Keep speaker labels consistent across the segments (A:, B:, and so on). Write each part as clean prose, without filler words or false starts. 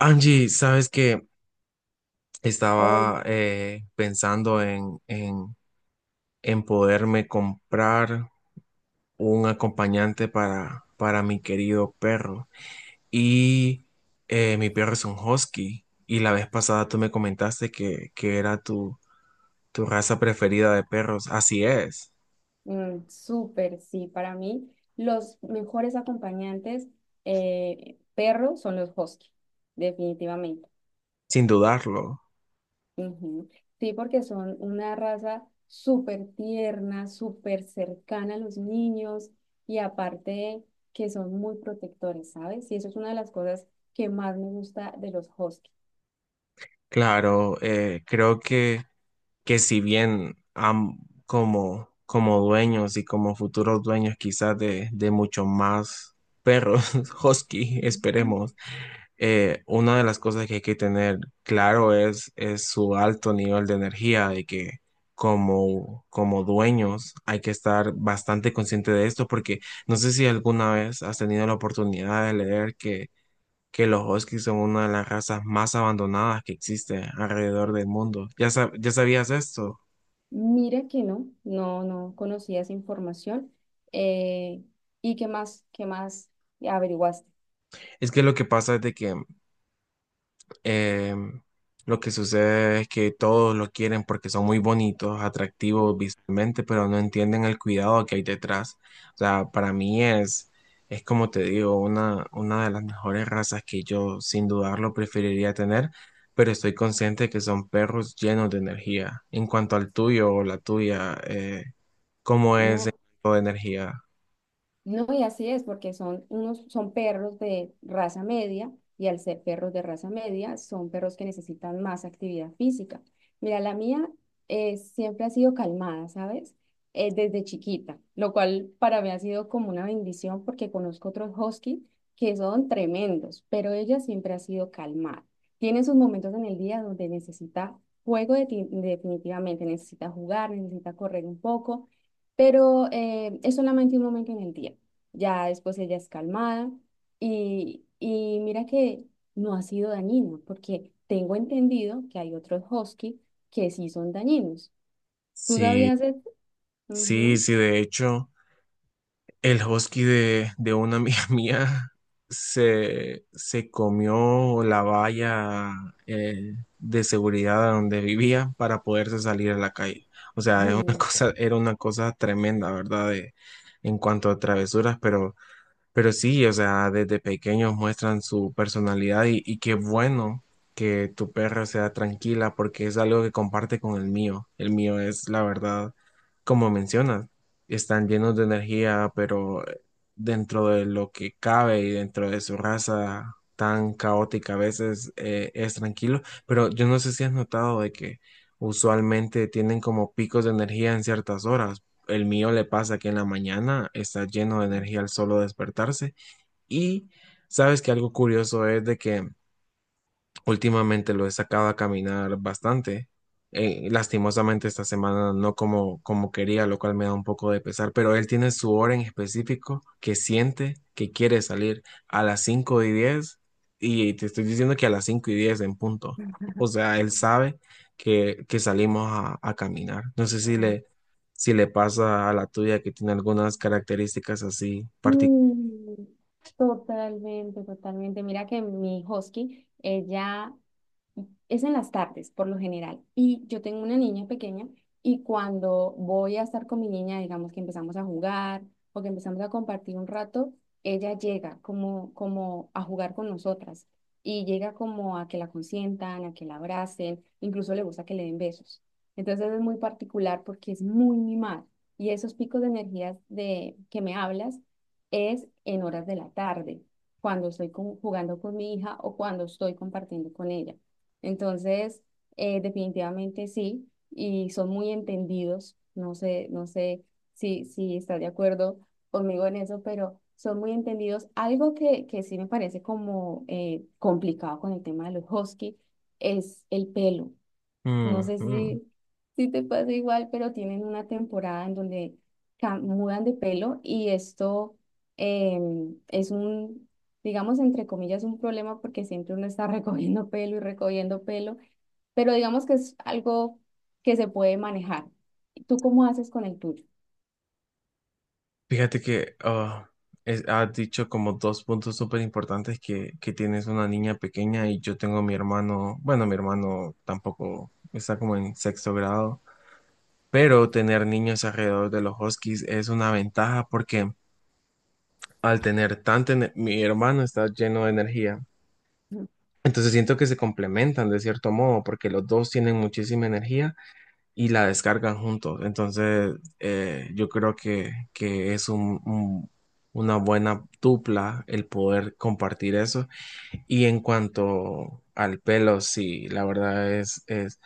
A: Angie, sabes que
B: Hola,
A: estaba pensando en poderme comprar un acompañante para mi querido perro. Y mi perro es un husky. Y la vez pasada tú me comentaste que era tu raza preferida de perros. Así es,
B: mm, súper, sí, para mí los mejores acompañantes perro son los husky, definitivamente.
A: sin dudarlo.
B: Ujú. Sí, porque son una raza súper tierna, súper cercana a los niños y aparte que son muy protectores, ¿sabes? Y eso es una de las cosas que más me gusta de los husky.
A: Claro, creo que si bien como dueños y como futuros dueños quizás de mucho más perros, husky,
B: Ujú.
A: esperemos, una de las cosas que hay que tener claro es su alto nivel de energía, de que como dueños hay que estar bastante consciente de esto, porque no sé si alguna vez has tenido la oportunidad de leer que los huskies son una de las razas más abandonadas que existe alrededor del mundo. Ya sabías esto?
B: Mira que no conocía esa información, eh, y qué más, qué más averiguaste.
A: Es que lo que pasa es de que Eh, lo que sucede es que todos lo quieren porque son muy bonitos, atractivos visualmente, pero no entienden el cuidado que hay detrás. O sea, para mí es como te digo, una de las mejores razas que yo sin dudarlo preferiría tener, pero estoy consciente que son perros llenos de energía. En cuanto al tuyo o la tuya, ¿cómo es el
B: No,
A: tipo de energía?
B: no, y así es, porque son unos, son perros de raza media, y al ser perros de raza media, son perros que necesitan más actividad física. Mira, la mía siempre ha sido calmada, ¿sabes? Desde chiquita, lo cual para mí ha sido como una bendición porque conozco otros husky que son tremendos, pero ella siempre ha sido calmada. Tiene sus momentos en el día donde necesita definitivamente, necesita jugar, necesita correr un poco. Pero es solamente un momento en el día. Ya después ella es calmada y mira que no ha sido dañino, porque tengo entendido que hay otros husky que sí son dañinos. ¿Tú
A: Sí,
B: sabías esto?
A: sí,
B: Ujú.
A: sí, de hecho. El husky de una amiga mía se comió la valla de seguridad donde vivía para poderse salir a la calle. O sea, es una
B: Sí.
A: cosa, era una cosa tremenda, ¿verdad? En cuanto a travesuras, pero sí, o sea, desde pequeños muestran su personalidad y qué bueno que tu perro sea tranquila porque es algo que comparte con el mío. El mío es, la verdad, como mencionas, están llenos de energía, pero dentro de lo que cabe y dentro de su raza tan caótica a veces es tranquilo. Pero yo no sé si has notado de que usualmente tienen como picos de energía en ciertas horas. El mío le pasa que en la mañana está lleno de energía al solo despertarse. Y sabes que algo curioso es de que últimamente lo he sacado a caminar bastante. Lastimosamente esta semana no como quería, lo cual me da un poco de pesar, pero él tiene su hora en específico que siente que quiere salir a las 5 y 10 y te estoy diciendo que a las 5 y 10 en punto. O sea, él sabe que salimos a caminar. No sé si
B: Oh,
A: si le pasa a la tuya que tiene algunas características así particulares.
B: mm, totalmente, totalmente. Mira que mi husky, ella es en las tardes, por lo general. Y yo tengo una niña pequeña y cuando voy a estar con mi niña, digamos que empezamos a jugar o que empezamos a compartir un rato, ella llega como, como a jugar con nosotras y llega como a que la consientan, a que la abracen, incluso le gusta que le den besos. Entonces es muy particular porque es muy mimada y esos picos de energías de que me hablas es en horas de la tarde, cuando estoy jugando con mi hija o cuando estoy compartiendo con ella. Entonces, definitivamente sí, y son muy entendidos. No sé, no sé si, si está de acuerdo conmigo en eso, pero son muy entendidos. Algo que sí me parece como complicado con el tema de los husky es el pelo. No sé si, si te pasa igual, pero tienen una temporada en donde mudan de pelo y esto es un, digamos, entre comillas, un problema porque siempre uno está recogiendo pelo y recogiendo pelo, pero digamos que es algo que se puede manejar. ¿Tú cómo haces con el tuyo?
A: Fíjate que has dicho como dos puntos súper importantes que tienes una niña pequeña y yo tengo mi hermano, bueno, mi hermano tampoco está como en sexto grado, pero tener niños alrededor de los huskies es una ventaja porque al tener tanta, mi hermano está lleno de energía, entonces siento que se complementan de cierto modo porque los dos tienen muchísima energía y la descargan juntos. Entonces, yo creo que es una buena dupla el poder compartir eso. Y en cuanto al pelo, sí, la verdad es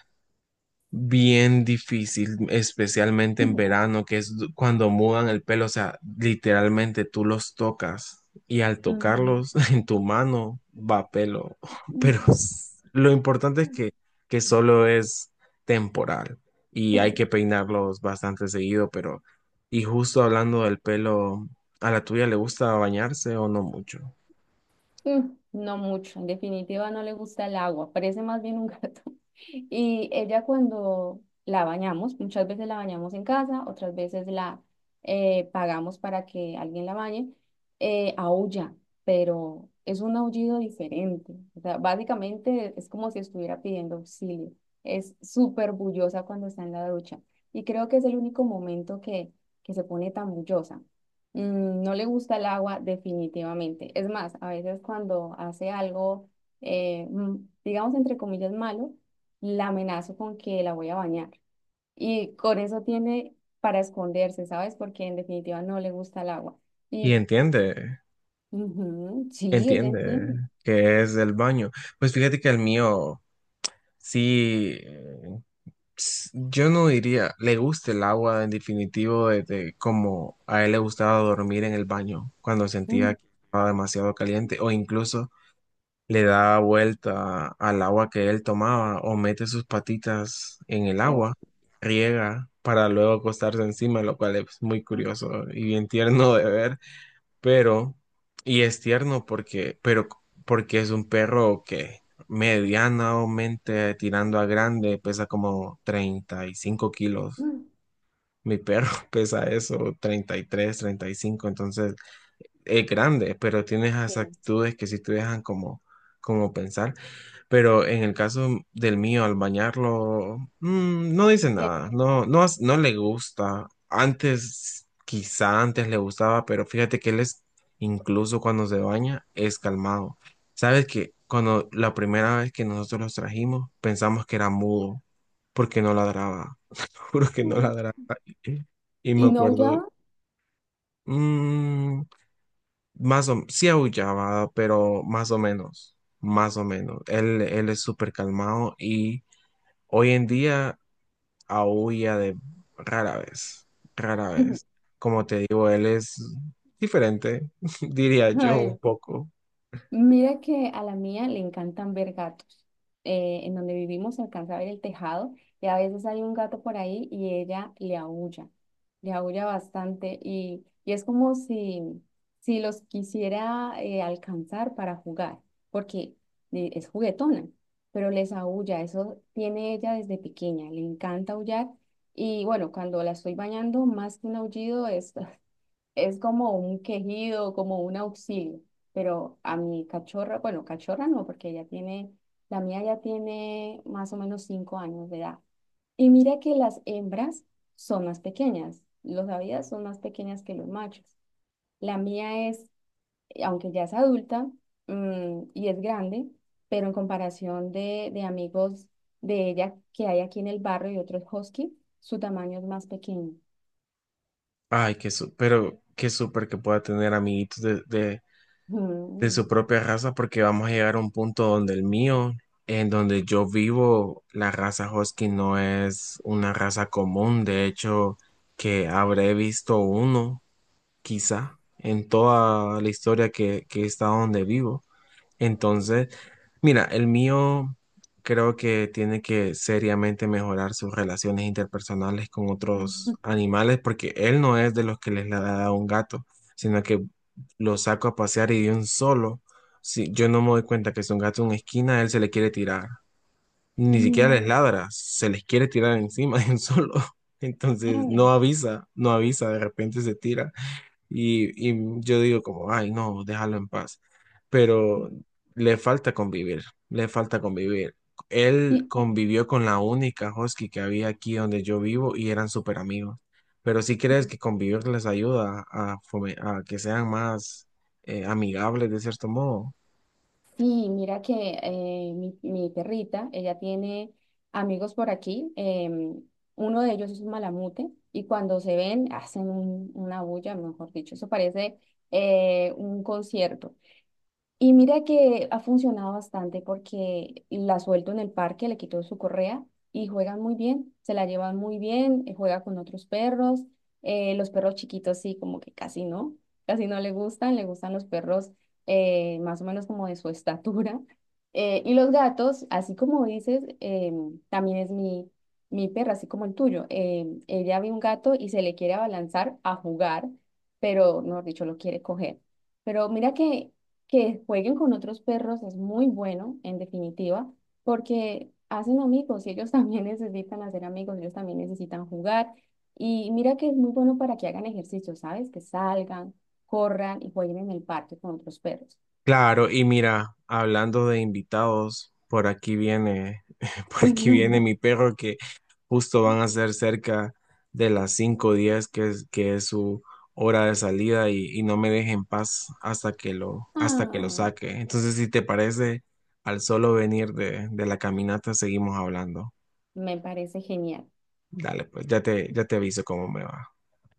A: bien difícil, especialmente en
B: Ujú.
A: verano, que es cuando mudan el pelo, o sea, literalmente tú los tocas y al
B: Ujú.
A: tocarlos en tu mano va pelo, pero
B: Mm.
A: lo importante es que solo es temporal y hay
B: Sí.
A: que peinarlos bastante seguido, pero y justo hablando del pelo, ¿a la tuya le gusta bañarse o no mucho?
B: Mm, no mucho, en definitiva no le gusta el agua, parece más bien un gato. Y ella cuando la bañamos, muchas veces la bañamos en casa, otras veces la pagamos para que alguien la bañe, aúlla, pero es un aullido diferente. O sea, básicamente es como si estuviera pidiendo auxilio. Es súper bullosa cuando está en la ducha. Y creo que es el único momento que se pone tan bullosa. Mm, no le gusta el agua definitivamente. Es más, a veces cuando hace algo, eh, mm, digamos entre comillas, malo, la amenazo con que la voy a bañar. Y con eso tiene para esconderse, ¿sabes? Porque en definitiva no le gusta el agua.
A: Y
B: Y
A: entiende,
B: ujú, sí, ella
A: entiende
B: entiende.
A: que es el baño. Pues fíjate que el mío... Sí, yo no diría, le gusta el agua en definitivo, desde como a él le gustaba dormir en el baño cuando
B: Mm.
A: sentía que estaba demasiado caliente o incluso le daba vuelta al agua que él tomaba o mete sus patitas en el
B: Oh,
A: agua, riega para luego acostarse encima, lo cual es muy
B: ah,
A: curioso y bien tierno de ver pero, y es tierno porque, pero porque es un perro que medianamente tirando a grande pesa como 35 kilos.
B: mm,
A: Mi perro pesa eso, 30 treinta y tres 35 entonces es grande, pero tiene esas
B: sí,
A: actitudes que sí te dejan como, como pensar. Pero en el caso del mío, al bañarlo, mm, no dice
B: le
A: nada, no, no, no le gusta. Antes, quizá antes le gustaba, pero fíjate que él es, incluso cuando se baña, es calmado. Sabes que cuando la primera vez que nosotros los trajimos, pensamos que era mudo, porque no ladraba, juro que no
B: gusta.
A: ladraba. Y me
B: Y no ya.
A: acuerdo, mm, más o sí aullaba, pero más o menos, más o menos. Él es súper calmado y... Hoy en día aúlla de rara vez, rara vez. Como te digo, él es diferente, diría yo un
B: Ay,
A: poco.
B: mira que a la mía le encantan ver gatos. En donde vivimos se alcanza a ver el tejado y a veces hay un gato por ahí y ella le aúlla bastante y es como si, si los quisiera alcanzar para jugar, porque es juguetona, pero les aúlla, eso tiene ella desde pequeña, le encanta aullar y bueno, cuando la estoy bañando, más que un aullido es es como un quejido, como un auxilio. Pero a mi cachorra, bueno, cachorra no, porque ella tiene, la mía ya tiene más o menos 5 años de edad. Y mira que las hembras son más pequeñas, los avidas son más pequeñas que los machos. La mía es, aunque ya es adulta, mm, y es grande, pero en comparación de amigos de ella que hay aquí en el barrio y otros husky, su tamaño es más pequeño.
A: Ay, pero qué súper que pueda tener amiguitos de su
B: Mm.
A: propia raza, porque vamos a llegar a un punto donde el mío, en donde yo vivo, la raza Husky no es una raza común. De hecho, que habré visto uno, quizá, en toda la historia que he estado donde vivo. Entonces, mira, el mío creo que tiene que seriamente mejorar sus relaciones interpersonales con otros animales, porque él no es de los que les la da a un gato, sino que lo saco a pasear y de un solo, si yo no me doy cuenta que es un gato en una esquina, él se le quiere tirar. Ni siquiera les
B: Mm.
A: ladra, se les quiere tirar encima de un solo. Entonces, no
B: Ay.
A: avisa, no avisa, de repente se tira. Y yo digo como, ay, no, déjalo en paz. Pero le falta convivir, le falta convivir. Él
B: Y-
A: convivió con la única husky que había aquí donde yo vivo y eran súper amigos. Pero si crees que convivir les ayuda a, a que sean más amigables de cierto modo?
B: sí, mira que mi, mi perrita, ella tiene amigos por aquí. Uno de ellos es un malamute y cuando se ven hacen una bulla, mejor dicho. Eso parece un concierto. Y mira que ha funcionado bastante porque la suelto en el parque, le quito su correa y juegan muy bien, se la llevan muy bien, juega con otros perros. Los perros chiquitos sí, como que casi no le gustan, le gustan los perros más o menos como de su estatura. Y los gatos, así como dices, también es mi, mi perra, así como el tuyo. Ella ve un gato y se le quiere abalanzar a jugar, pero, mejor dicho, lo quiere coger. Pero mira que jueguen con otros perros es muy bueno, en definitiva, porque hacen amigos y ellos también necesitan hacer amigos, ellos también necesitan jugar. Y mira que es muy bueno para que hagan ejercicio, ¿sabes? Que salgan, corran y jueguen en el parque con otros perros.
A: Claro, y mira, hablando de invitados, por aquí viene, por aquí viene mi perro que justo van a ser cerca de las 5:10, que que es su hora de salida y no me deje en paz hasta que lo
B: Ah,
A: saque. Entonces, si te parece, al solo venir de la caminata, seguimos hablando.
B: me parece genial.
A: Dale, pues ya te aviso cómo me va.